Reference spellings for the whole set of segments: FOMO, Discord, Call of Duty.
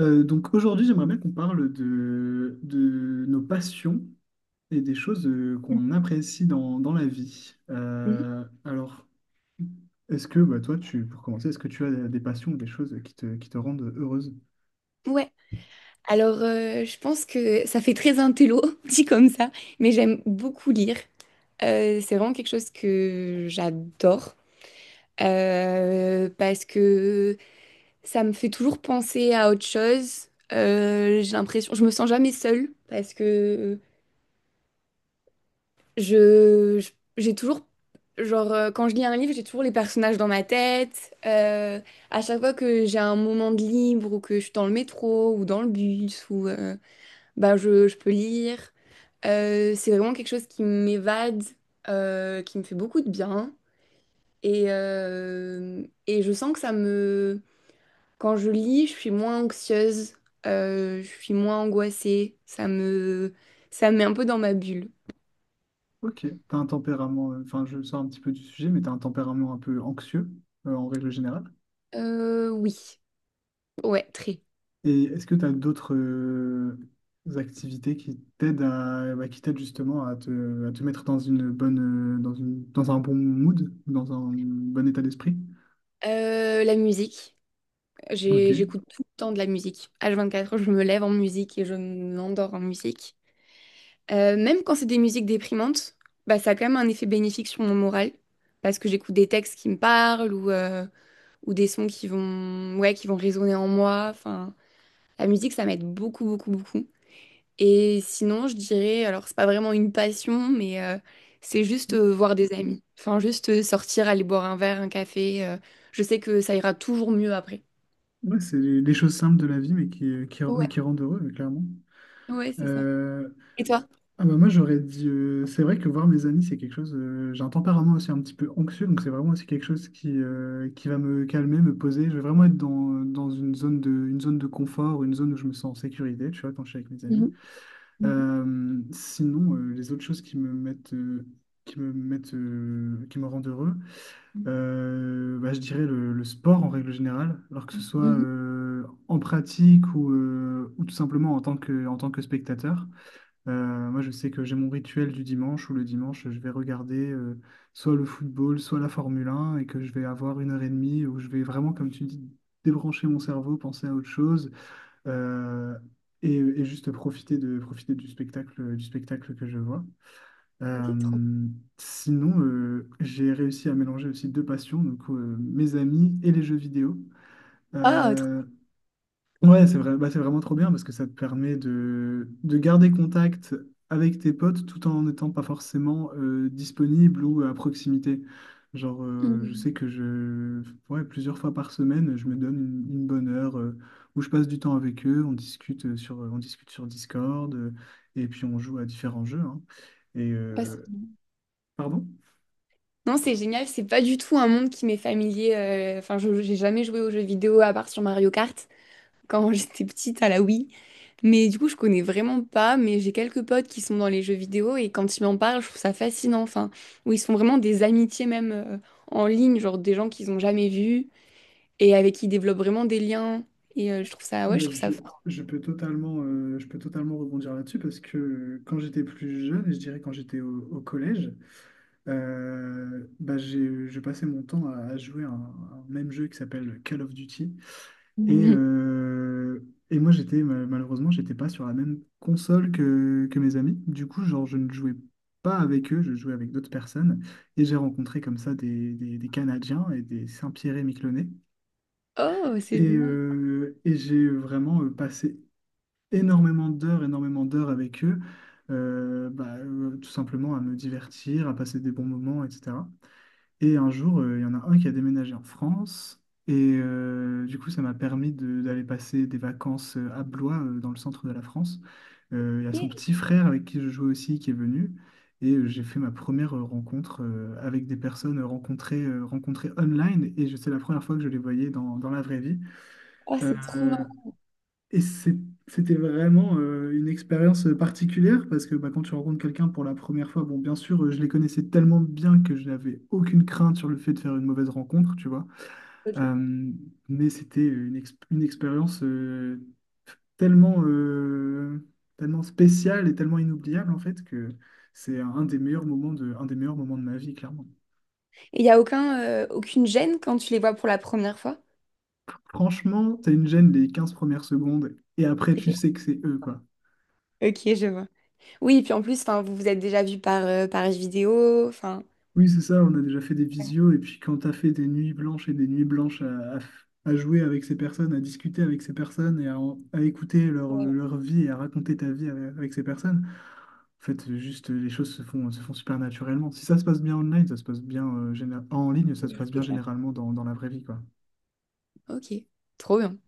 Donc aujourd'hui, j'aimerais bien qu'on parle de nos passions et des choses qu'on apprécie dans la vie. Mhm. Alors, est-ce que bah, toi, pour commencer, est-ce que tu as des passions ou des choses qui te rendent heureuse? Ouais, alors je pense que ça fait très intello, dit comme ça, mais j'aime beaucoup lire. C'est vraiment quelque chose que j'adore parce que ça me fait toujours penser à autre chose. J'ai l'impression, je me sens jamais seule parce que je, je- j'ai toujours, genre, quand je lis un livre, j'ai toujours les personnages dans ma tête. À chaque fois que j'ai un moment de libre ou que je suis dans le métro ou dans le bus ou. Bah, je peux lire. C'est vraiment quelque chose qui m'évade, qui me fait beaucoup de bien. Et je sens que ça me... Quand je lis, je suis moins anxieuse, je suis moins angoissée. Ça me met un peu dans ma bulle. Ok, t'as un tempérament, enfin je sors un petit peu du sujet, mais t'as un tempérament un peu anxieux en règle générale. Oui, ouais, très. Et est-ce que tu as d'autres activités qui t'aident à, bah, qui t'aident justement à te mettre dans une bonne, dans un bon mood, dans un bon état d'esprit? La musique. Ok. J'écoute tout le temps de la musique. H24, je me lève en musique et je m'endors en musique. Même quand c'est des musiques déprimantes, bah, ça a quand même un effet bénéfique sur mon moral, parce que j'écoute des textes qui me parlent ou des sons qui vont, ouais, qui vont résonner en moi. Enfin, la musique, ça m'aide beaucoup, beaucoup, beaucoup. Et sinon, je dirais, alors c'est pas vraiment une passion, mais c'est juste voir des amis. Enfin, juste sortir, aller boire un verre, un café. Je sais que ça ira toujours mieux après. Ouais, c'est les choses simples de la vie, mais mais Ouais, qui rendent heureux, clairement. ouais, c'est ça. Euh, Et toi? ah bah moi, j'aurais dit, c'est vrai que voir mes amis, c'est quelque chose. J'ai un tempérament aussi un petit peu anxieux, donc c'est vraiment aussi quelque chose qui va me calmer, me poser. Je vais vraiment être dans une zone de confort, une zone où je me sens en sécurité, tu vois, quand je suis avec mes amis. Mhm, mhm, Sinon, les autres choses qui me mettent, qui me rendent heureux, bah, je dirais le sport en règle générale, alors que ce soit Mhm. mhm. euh, en pratique ou tout simplement en tant que spectateur. Moi, je sais que j'ai mon rituel du dimanche où le dimanche, je vais regarder soit le football, soit la Formule 1 et que je vais avoir 1 heure et demie où je vais vraiment, comme tu dis, débrancher mon cerveau, penser à autre chose, euh, et juste profiter du spectacle que je vois. Ok, trop. Euh, sinon, j'ai réussi à mélanger aussi deux passions, donc mes amis et les jeux vidéo. Ah, trop. Euh, Ouais, c'est vrai, bah, c'est vraiment trop bien parce que ça te permet de garder contact avec tes potes tout en n'étant pas forcément disponible ou à proximité. Genre, je Mhm. sais que je, ouais, plusieurs fois par semaine, je me donne une bonne heure où je passe du temps avec eux, on discute on discute sur Discord. Euh, et puis on joue à différents jeux, hein. et Passe. Pardon? Non, c'est génial, c'est pas du tout un monde qui m'est familier. Enfin, j'ai jamais joué aux jeux vidéo à part sur Mario Kart quand j'étais petite à la Wii. Mais du coup, je connais vraiment pas, mais j'ai quelques potes qui sont dans les jeux vidéo et quand ils m'en parlent, je trouve ça fascinant. Enfin, où ils se font vraiment des amitiés même en ligne, genre des gens qu'ils ont jamais vus et avec qui ils développent vraiment des liens. Et je trouve ça, Ah ouais, je bah, trouve ça fort. Je peux totalement rebondir là-dessus parce que quand j'étais plus jeune, et je dirais quand j'étais au collège, bah, j'ai passé mon temps à jouer à un même jeu qui s'appelle Call of Duty. Et, euh, et moi, j'étais malheureusement, j'étais pas sur la même console que mes amis. Du coup, genre, je ne jouais pas avec eux, je jouais avec d'autres personnes. Et j'ai rencontré comme ça des Canadiens et des Saint-Pierre-et-Miquelonais. Oh, c'est génial. Et j'ai vraiment passé énormément d'heures avec eux, tout simplement à me divertir, à passer des bons moments, etc. Et un jour, il y en a un qui a déménagé en France. Et du coup, ça m'a permis d'aller passer des vacances à Blois, dans le centre de la France. Il y a son Ok. petit frère avec qui je jouais aussi qui est venu. Et j'ai fait ma première rencontre avec des personnes rencontrées, rencontrées online. Et c'est la première fois que je les voyais dans la vraie vie. Oh, c'est trop Euh, marrant. et c'est- C'était vraiment une expérience particulière parce que bah, quand tu rencontres quelqu'un pour la première fois, bon, bien sûr, je les connaissais tellement bien que je n'avais aucune crainte sur le fait de faire une mauvaise rencontre, tu vois. Ok. Et Euh, mais c'était une expérience tellement, euh, tellement spéciale et tellement inoubliable en fait que c'est un des meilleurs moments de ma vie, clairement. il n'y a aucun, aucune gêne quand tu les vois pour la première fois? Franchement, t'as une gêne les 15 premières secondes et après, tu Ok. sais que c'est eux, quoi. Ok, je vois. Oui, puis en plus, enfin, vous vous êtes déjà vu par page vidéo, enfin, Oui, c'est ça, on a déjà fait des visios, et puis quand t'as fait des nuits blanches et des nuits blanches à jouer avec ces personnes, à discuter avec ces personnes, et à écouter leur, Ouais. leur vie et à raconter ta vie avec ces personnes, en fait, juste les choses se font super naturellement. Si ça se passe bien online, ça se passe bien en ligne, ça se passe C'est bien clair. généralement dans la vraie vie, quoi. Ok, trop bien.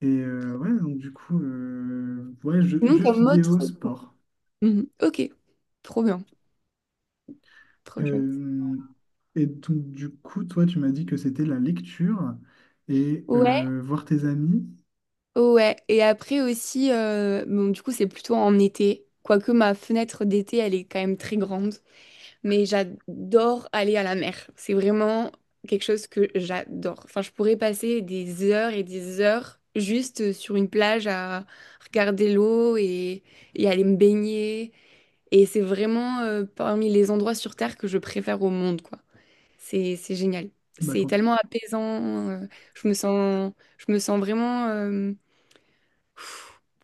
Et euh, Trop- ouais, donc du coup, euh, ouais, jeux, Sinon, jeux comme autre... vidéo, sport. Mhm. Ok, trop bien. Trop chouette. Euh, et donc, toi, tu m'as dit que c'était la lecture et Ouais, voir tes amis. ouais. Et après aussi, bon, du coup, c'est plutôt en été. Quoique ma fenêtre d'été, elle est quand même très grande. Mais j'adore aller à la mer. C'est vraiment quelque chose que j'adore. Enfin, je pourrais passer des heures et des heures juste sur une plage à regarder l'eau et aller me baigner. Et c'est vraiment parmi les endroits sur Terre que je préfère au monde, quoi. C'est génial. Bah, C'est quand- tellement apaisant. Je me sens, je me sens vraiment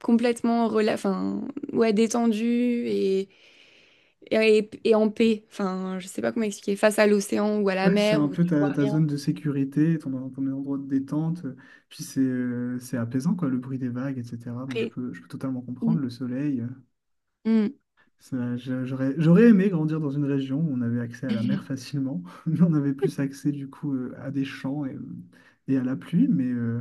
complètement rela enfin, ouais, détendue et en paix. Enfin, je sais pas comment expliquer. Face à l'océan ou à la Ouais, c'est mer un où peu tu vois ta, ta rien zone de sécurité, ton, ton endroit de détente. Puis c'est apaisant, quoi, le bruit des vagues, etc. Moi, après. Je peux totalement comprendre Mm. le soleil. Mm. J'aurais, j'aurais aimé grandir dans une région où on avait accès à la mer facilement. Mais on avait plus accès, du coup, à des champs et à la pluie. Mais, euh,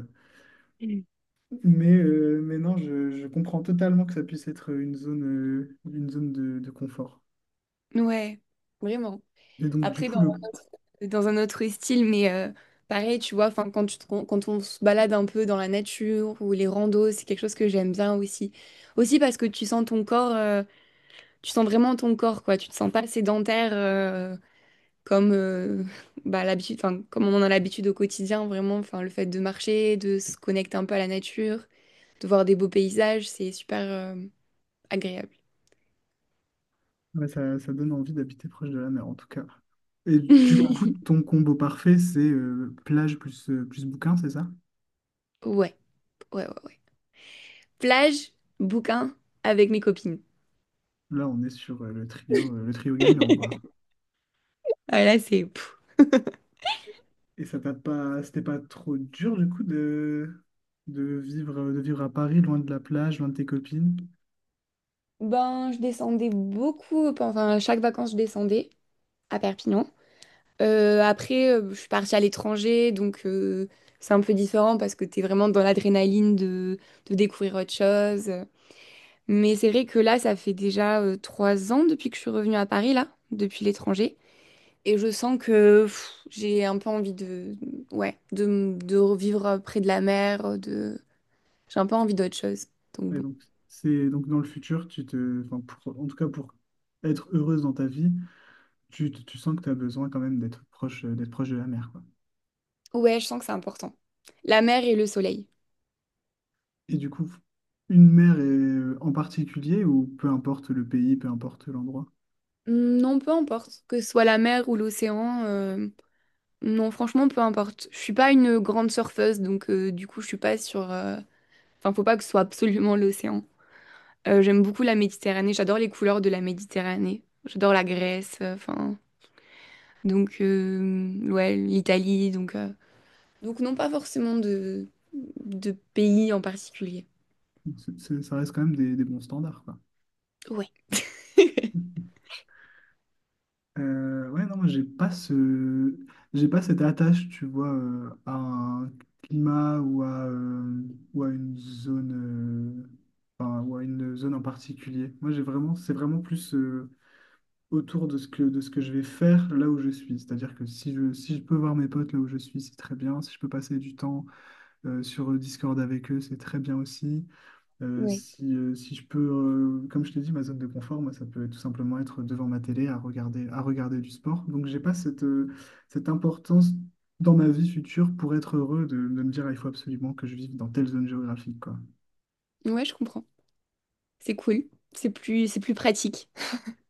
mais, euh, Mais non, je comprends totalement que ça puisse être une zone de confort. Ouais, vraiment. Et donc, du Après, dans, coup, le dans un autre style, mais pareil, tu vois, enfin, quand quand on se balade un peu dans la nature ou les randos, c'est quelque chose que j'aime bien aussi. Aussi parce que tu sens ton corps, tu sens vraiment ton corps, quoi. Tu te sens pas sédentaire. Comme bah, l'habitude, enfin, comme on en a l'habitude au quotidien, vraiment, enfin, le fait de marcher, de se connecter un peu à la nature, de voir des beaux paysages, c'est super agréable. Ouais, ça donne envie d'habiter proche de la mer, en tout cas. Et du coup, ton combo parfait, c'est plage plus, plus bouquin, c'est ça? Ouais, ouais, ouais, ouais. Plage, bouquin, avec mes copines. Là, on est sur le trio gagnant, quoi. Ah, là, c'est... pff. Et ça t'a pas, c'était pas trop dur, du coup, de vivre à Paris, loin de la plage, loin de tes copines. Ben, je descendais beaucoup, enfin, à chaque vacances, je descendais à Perpignan. Après, je suis partie à l'étranger, donc c'est un peu différent parce que t'es vraiment dans l'adrénaline de découvrir autre chose. Mais c'est vrai que là, ça fait déjà 3 ans depuis que je suis revenue à Paris, là, depuis l'étranger. Et je sens que pff, j'ai un peu envie ouais, de revivre près de la mer, de... J'ai un peu envie d'autre chose. Donc Et bon. donc, donc, dans le futur, enfin, en tout cas, pour être heureuse dans ta vie, tu sens que tu as besoin quand même d'être proche de la mer, quoi. Ouais, je sens que c'est important. La mer et le soleil. Et du coup, en particulier, ou peu importe le pays, peu importe l'endroit, Hmm, non, peu importe. Que ce soit la mer ou l'océan. Non, franchement, peu importe. Je suis pas une grande surfeuse, donc du coup, je suis pas enfin, faut pas que ce soit absolument l'océan. J'aime beaucoup la Méditerranée, j'adore les couleurs de la Méditerranée. J'adore la Grèce, enfin. Donc, ouais, l'Italie. Donc, non, pas forcément de pays en particulier. Ça reste quand même des bons standards, quoi. Ouais. Ouais, non, moi, j'ai pas ce. J'ai pas cette attache, tu vois, à un climat ou à une zone, euh, enfin, ou à une zone en particulier. Moi, j'ai vraiment, c'est vraiment plus autour de ce que je vais faire là où je suis. C'est-à-dire que si je, si je peux voir mes potes là où je suis, c'est très bien. Si je peux passer du temps sur Discord avec eux, c'est très bien aussi. Ouais. Si je peux, comme je t'ai dit, ma zone de confort, moi, ça peut tout simplement être devant ma télé à regarder du sport. Donc, j'ai pas cette, cette importance dans ma vie future pour être heureux de me dire, ah, il faut absolument que je vive dans telle zone géographique, quoi. Ouais, je comprends. C'est cool. C'est plus pratique.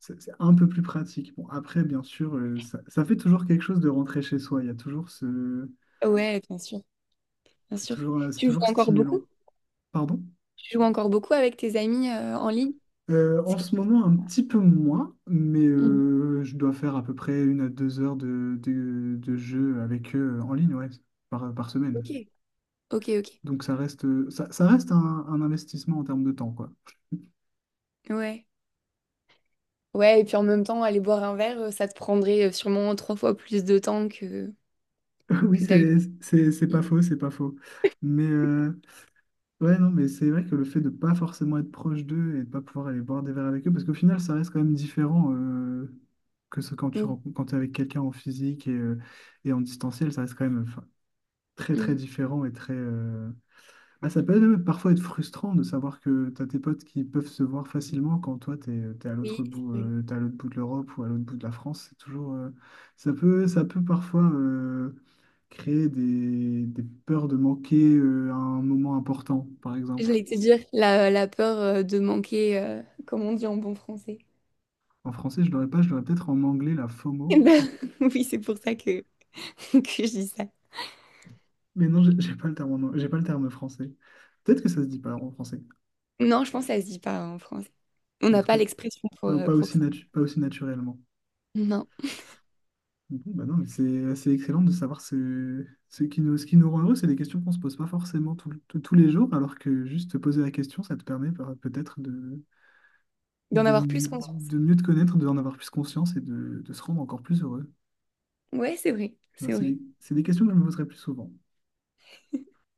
C'est un peu plus pratique. Bon, après, bien sûr, ça, ça fait toujours quelque chose de rentrer chez soi. Il y a toujours ce. Ouais, bien sûr, bien sûr. C'est Tu joues toujours encore beaucoup? stimulant. Pardon? Tu joues encore beaucoup avec tes amis en ligne? C'est En que- ce moment, un petit peu moins, mais Mhm. Je dois faire à peu près 1 à 2 heures de jeu avec eux en ligne, ouais, par, par semaine. Ok, ok, ok. Donc ça reste, ça, ça reste un investissement en termes de temps, quoi. Ouais. Ouais, et puis en même temps, aller boire un verre, ça te prendrait sûrement trois fois plus de temps que, Oui, que d'aller c'est pas Oui, faux, c'est pas faux. Mais ouais, non, mais c'est vrai que le fait de pas forcément être proche d'eux et de pas pouvoir aller boire des verres avec eux, parce qu'au final, ça reste quand même différent que ce quand tu rencontres, quand t'es avec quelqu'un en physique et en distanciel, ça reste quand même, très très mm. différent et très. Ah, ça peut même parfois être frustrant de savoir que tu as tes potes qui peuvent se voir facilement quand toi tu es, à Oui, l'autre bout, oui. T'es à l'autre bout de l'Europe ou à l'autre bout de la France. C'est toujours, ça peut parfois créer des peurs de manquer un moment important, par exemple. J'allais te dire la peur de manquer, comme on dit en bon français. En français, je l'aurais pas, je l'aurais peut-être en anglais, la FOMO. Eh ben, oui, c'est pour ça que, que je dis ça. Mais non, j'ai pas le terme, j'ai pas le terme français. Peut-être que ça se dit pas en français. Non, je pense que ça se dit pas en français. On En n'a tout cas, pas l'expression pour, pas, euh, pas pour aussi, ça. Pas aussi naturellement. Non. Bon, bah non, mais c'est excellent de savoir ce, ce qui nous rend heureux. C'est des questions qu'on se pose pas forcément tous les jours, alors que juste te poser la question, ça te permet peut-être D'en avoir plus conscience. de mieux te connaître, d'en avoir plus conscience et de se rendre encore plus heureux. Ouais, c'est vrai, Ben, c'est vrai. C'est des questions que je me poserai plus souvent.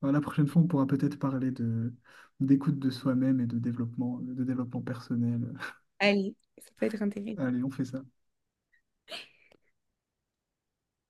Ben, la prochaine fois, on pourra peut-être parler de, d'écoute de soi-même et de développement personnel. Allez, ça peut être intéressant. Allez, on fait ça.